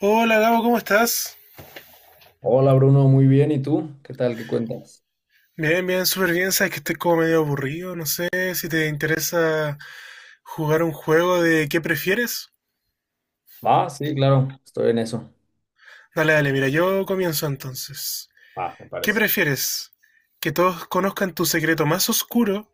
Hola Gabo, ¿cómo estás? Hola Bruno, muy bien. ¿Y tú? ¿Qué tal? ¿Qué cuentas? Bien, bien, súper bien. Sabes que estoy como medio aburrido. No sé si te interesa jugar un juego de qué prefieres. Va, sí, claro, estoy en eso. Dale, dale, mira, yo comienzo entonces. Va, me ¿Qué parece. prefieres? ¿Que todos conozcan tu secreto más oscuro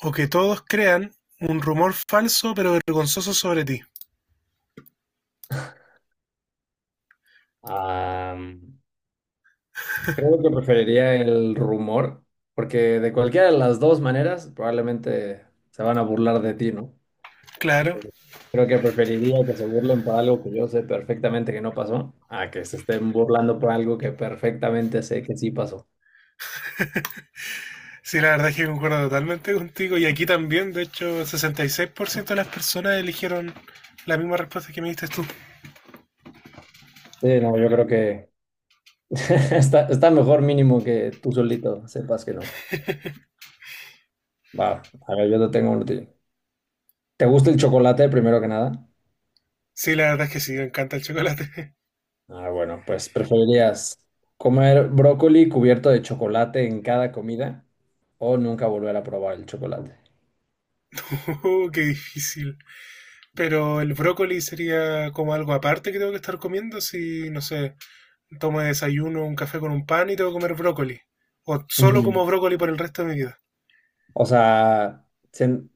o que todos crean un rumor falso pero vergonzoso sobre ti? Am, Creo que preferiría el rumor, porque de cualquiera de las dos maneras probablemente se van a burlar de ti, ¿no? Claro, Entonces, creo que preferiría que se burlen por algo que yo sé perfectamente que no pasó, a que se estén burlando por algo que perfectamente sé que sí pasó. sí, la verdad es que concuerdo totalmente contigo. Y aquí también, de hecho, el 66% de las personas eligieron la misma respuesta que me diste tú. Sí, no, yo creo que está mejor mínimo que tú solito sepas que no. Va, a ver, yo te tengo uno a ti. ¿Te gusta el chocolate primero que nada? Sí, la verdad es que sí, me encanta el chocolate. Ah, bueno, pues preferirías comer brócoli cubierto de chocolate en cada comida o nunca volver a probar el chocolate. Oh, qué difícil. Pero el brócoli sería como algo aparte que tengo que estar comiendo si, no sé, tomo de desayuno un café con un pan y tengo que comer brócoli. O solo Ujú. como brócoli por el resto de mi vida. O sea, sen-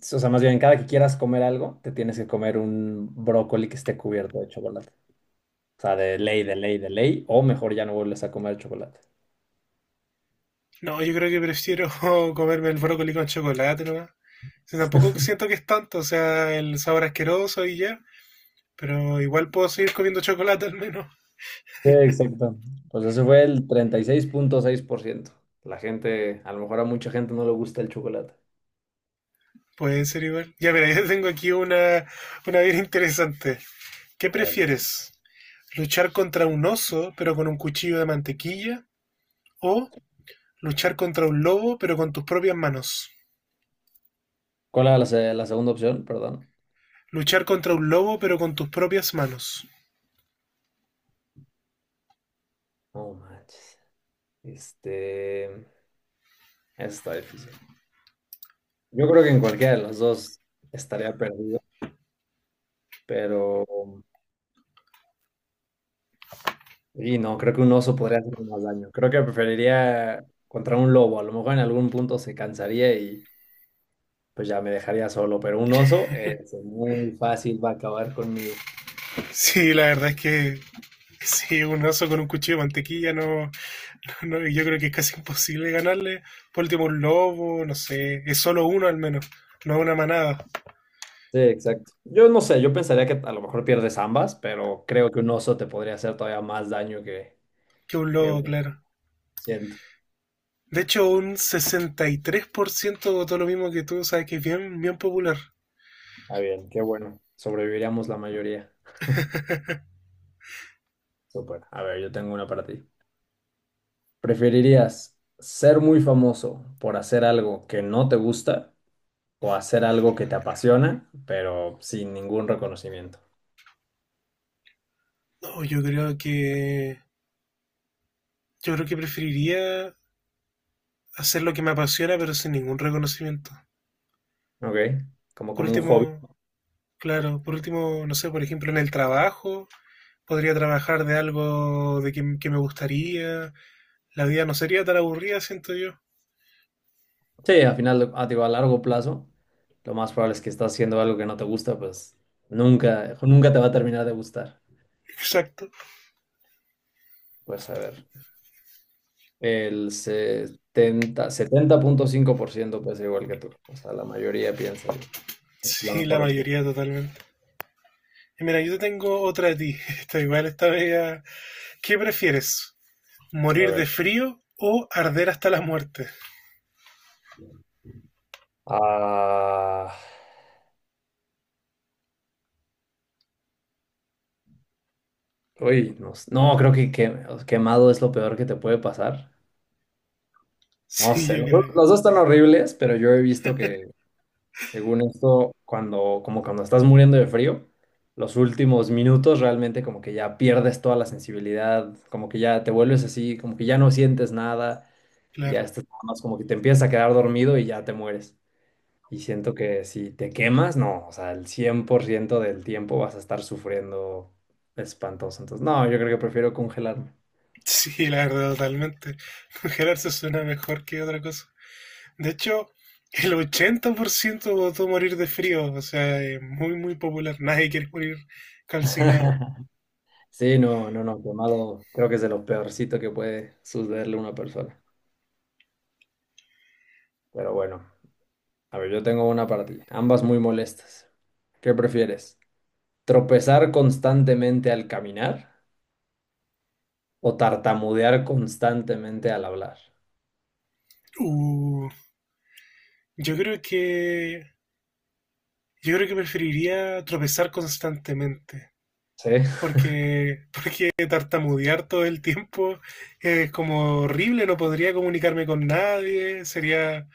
o sea, más bien, cada que quieras comer algo, te tienes que comer un brócoli que esté cubierto de chocolate. O sea, de ley, de ley, de ley, o mejor ya no vuelves a comer chocolate. No, yo creo que prefiero comerme el brócoli con chocolate nomás. O sea, tampoco siento que es tanto, o sea, el sabor asqueroso y ya. Pero igual puedo seguir comiendo chocolate al menos. Sí, exacto. Pues ese fue el treinta y seis punto seis por ciento. La gente, a lo mejor a mucha gente no le gusta el chocolate. Puede ser igual. Ya, mira, yo tengo aquí una bien interesante. ¿Qué prefieres? Luchar contra un oso, pero con un cuchillo de mantequilla. O luchar contra un lobo, pero con tus propias manos. ¿Cuál era la, se- La segunda opción? Perdón. Luchar contra un lobo, pero con tus propias manos. No manches. Este, eso está difícil. Yo creo que en cualquiera de las dos estaría perdido, pero... Y no, creo que un oso podría hacerme más daño. Creo que preferiría contra un lobo. A lo mejor en algún punto se cansaría y pues ya me dejaría solo, pero un oso es muy fácil, va a acabar conmigo. Sí, la verdad es que sí, un oso con un cuchillo de mantequilla, no, no, no, yo creo que es casi imposible ganarle. Por último, un lobo, no sé, es solo uno al menos, no una manada, Sí, exacto. Yo no sé, yo pensaría que a lo mejor pierdes ambas, pero creo que un oso te podría hacer todavía más daño que, que un que lobo, un claro. 100. De hecho, un 63% votó lo mismo que tú, sabes que es bien, bien popular. Ah bien, qué bueno. Sobreviviríamos la mayoría. Súper. A ver, yo tengo una para ti. ¿Preferirías ser muy famoso por hacer algo que no te gusta o hacer algo que te apasiona, pero sin ningún reconocimiento? No, yo creo que preferiría hacer lo que me apasiona, pero sin ningún reconocimiento. ¿Ok? Como, Por como un hobby. último, claro, por último, no sé, por ejemplo, en el trabajo, podría trabajar de algo que me gustaría. La vida no sería tan aburrida, siento yo. Sí, al final, a, digo, a largo plazo, lo más probable es que estás haciendo algo que no te gusta, pues nunca te va a terminar de gustar. Exacto. Pues a ver, el setenta punto cinco por ciento pues igual que tú. O sea, la mayoría piensa la Sí, la mejor opción. mayoría totalmente. Y mira, yo te tengo otra de ti. Está igual, esta media. ¿Qué prefieres? A ¿Morir de ver. frío o arder hasta la muerte? Ah, uy, no, no, creo que quemado es lo peor que te puede pasar. No Sí, yo sé, creo que, los dos están horribles, pero yo he visto que, según esto, cuando, como cuando estás muriendo de frío, los últimos minutos realmente como que ya pierdes toda la sensibilidad, como que ya te vuelves así, como que ya no sientes nada, ya claro. estás nada más como que te empiezas a quedar dormido y ya te mueres. Y siento que si te quemas, no, o sea, el 100% del tiempo vas a estar sufriendo espantoso. Entonces, no, yo creo que prefiero congelarme. Sí, la verdad, totalmente. Congelarse suena mejor que otra cosa. De hecho, el 80% votó morir de frío, o sea, es muy, muy popular. Nadie quiere morir calcinado. Sí, no, no, no, quemado creo que es de lo peorcito que puede sucederle a una persona. Pero bueno, a ver, yo tengo una para ti, ambas muy molestas. ¿Qué prefieres? ¿Tropezar constantemente al caminar o tartamudear constantemente al hablar? Uh, yo creo que. Yo creo que preferiría tropezar constantemente. Sí, Porque tartamudear todo el tiempo es como horrible, no podría comunicarme con nadie, sería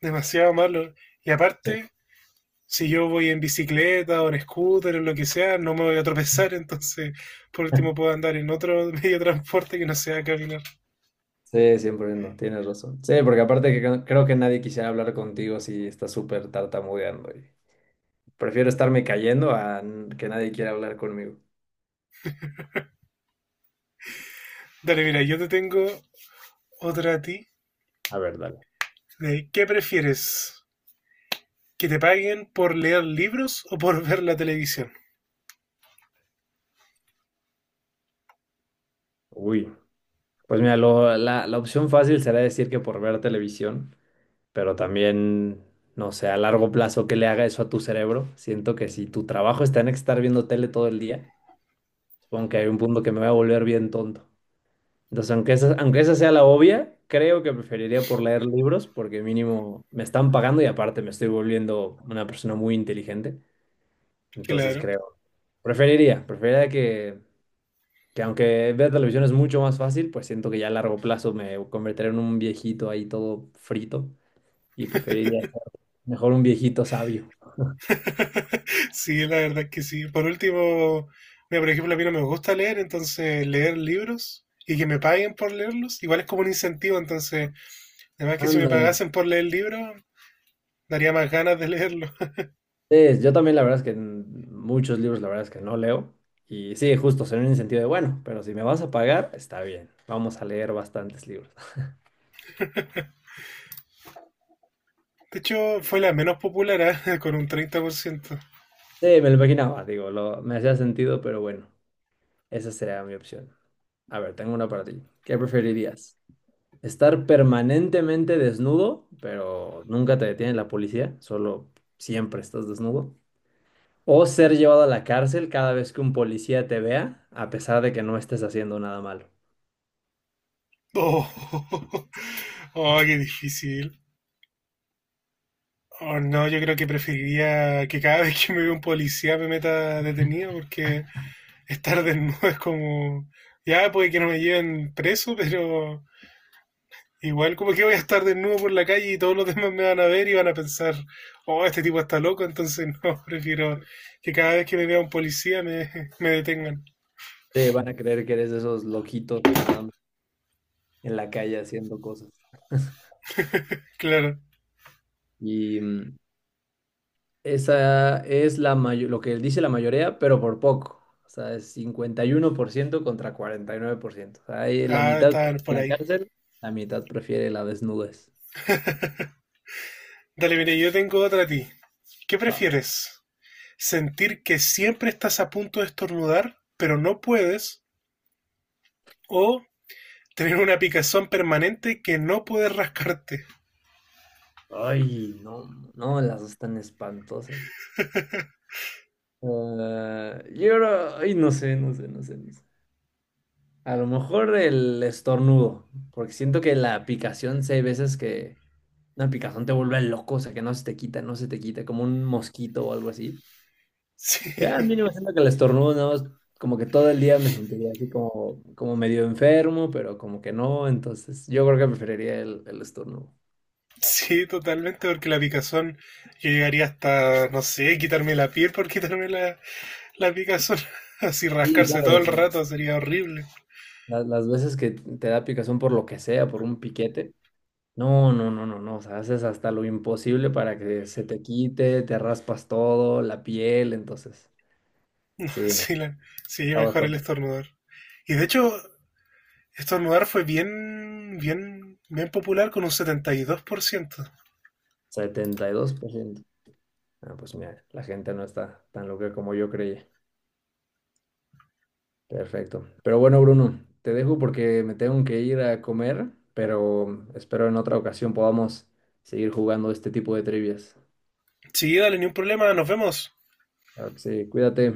demasiado malo. Y sí. aparte, si yo voy en bicicleta o en scooter o lo que sea, no me voy a tropezar, entonces por último puedo andar en otro medio de transporte que no sea caminar. Sí, 100%, tienes razón. Sí, porque aparte que creo que nadie quisiera hablar contigo si estás súper tartamudeando. Y prefiero estarme cayendo a que nadie quiera hablar conmigo. Dale, mira, yo te tengo otra a ti. A ver, dale. ¿Qué prefieres? ¿Que te paguen por leer libros o por ver la televisión? Uy, pues mira, la opción fácil será decir que por ver televisión, pero también, no sé, a largo plazo, ¿qué le haga eso a tu cerebro? Siento que si tu trabajo está en estar viendo tele todo el día, supongo que hay un punto que me voy a volver bien tonto. Entonces, aunque esa sea la obvia, creo que preferiría por leer libros porque mínimo me están pagando y aparte me estoy volviendo una persona muy inteligente. Entonces Claro. creo, preferiría que aunque ver televisión es mucho más fácil, pues siento que ya a largo plazo me convertiré en un viejito ahí todo frito y preferiría ser mejor un viejito sabio. Sí, la verdad es que sí. Por último, mira, por ejemplo, a mí no me gusta leer, entonces leer libros y que me paguen por leerlos, igual es como un incentivo, entonces, además que si me Ándale. pagasen por leer libros, daría más ganas de leerlo. Sí, yo también la verdad es que muchos libros la verdad es que no leo. Y sí, justo, en un sentido de, bueno, pero si me vas a pagar, está bien. Vamos a leer bastantes libros. De hecho, fue la menos popular, ¿eh? con un 30%. Sí, me lo imaginaba, digo, lo, me hacía sentido, pero bueno, esa sería mi opción. A ver, tengo una para ti. ¿Qué preferirías? ¿Estar permanentemente desnudo, pero nunca te detiene la policía? Solo siempre estás desnudo. ¿O ser llevado a la cárcel cada vez que un policía te vea, a pesar de que no estés haciendo nada malo? Oh, oh, qué difícil. Oh, no, yo creo que preferiría que cada vez que me vea un policía me meta detenido, porque estar desnudo es como. Ya, puede que no me lleven preso, pero igual, como que voy a estar desnudo por la calle y todos los demás me van a ver y van a pensar, oh, este tipo está loco, entonces no, prefiero que cada vez que me vea un policía me detengan. Te van a creer que eres de esos loquitos que nada más en la calle haciendo cosas. Claro. Y esa es lo que dice la mayoría, pero por poco. O sea, es 51% contra 49%. O sea, hay la Ah, mitad en estaban por la ahí. cárcel, la mitad prefiere la desnudez. Dale, mire, yo tengo otra a ti. ¿Qué Pa. prefieres? ¿Sentir que siempre estás a punto de estornudar, pero no puedes? ¿O tener una picazón permanente que no puedes rascarte? Ay, no, no, las dos están espantosas. Ah, yo, ay, no sé. A lo mejor el estornudo, porque siento que la picación, sí hay veces que una picazón te vuelve loco, o sea, que no se te quita, como un mosquito o algo así. Ya, a Sí, mí me siento que el estornudo, no, es como que todo el día me sentiría así como, como medio enfermo, pero como que no, entonces yo creo que preferiría el estornudo. sí, totalmente, porque la picazón, yo llegaría hasta, no sé, quitarme la piel por quitarme la picazón. Así Sí, rascarse claro, todo o el sea, rato sería horrible. Las veces que te da picazón por lo que sea, por un piquete. No. O sea, haces hasta lo imposible para que se te quite, te raspas todo, la piel, entonces. Sí, no, Sí, sí, está mejor el bastante. estornudar. Y de hecho, estornudar fue bien, bien, bien popular con un 72%. 72%. Ah, pues mira, la gente no está tan loca como yo creía. Perfecto. Pero bueno, Bruno, te dejo porque me tengo que ir a comer, pero espero en otra ocasión podamos seguir jugando este tipo de trivias. Sí, dale, ni un problema, nos vemos. Claro que sí, cuídate.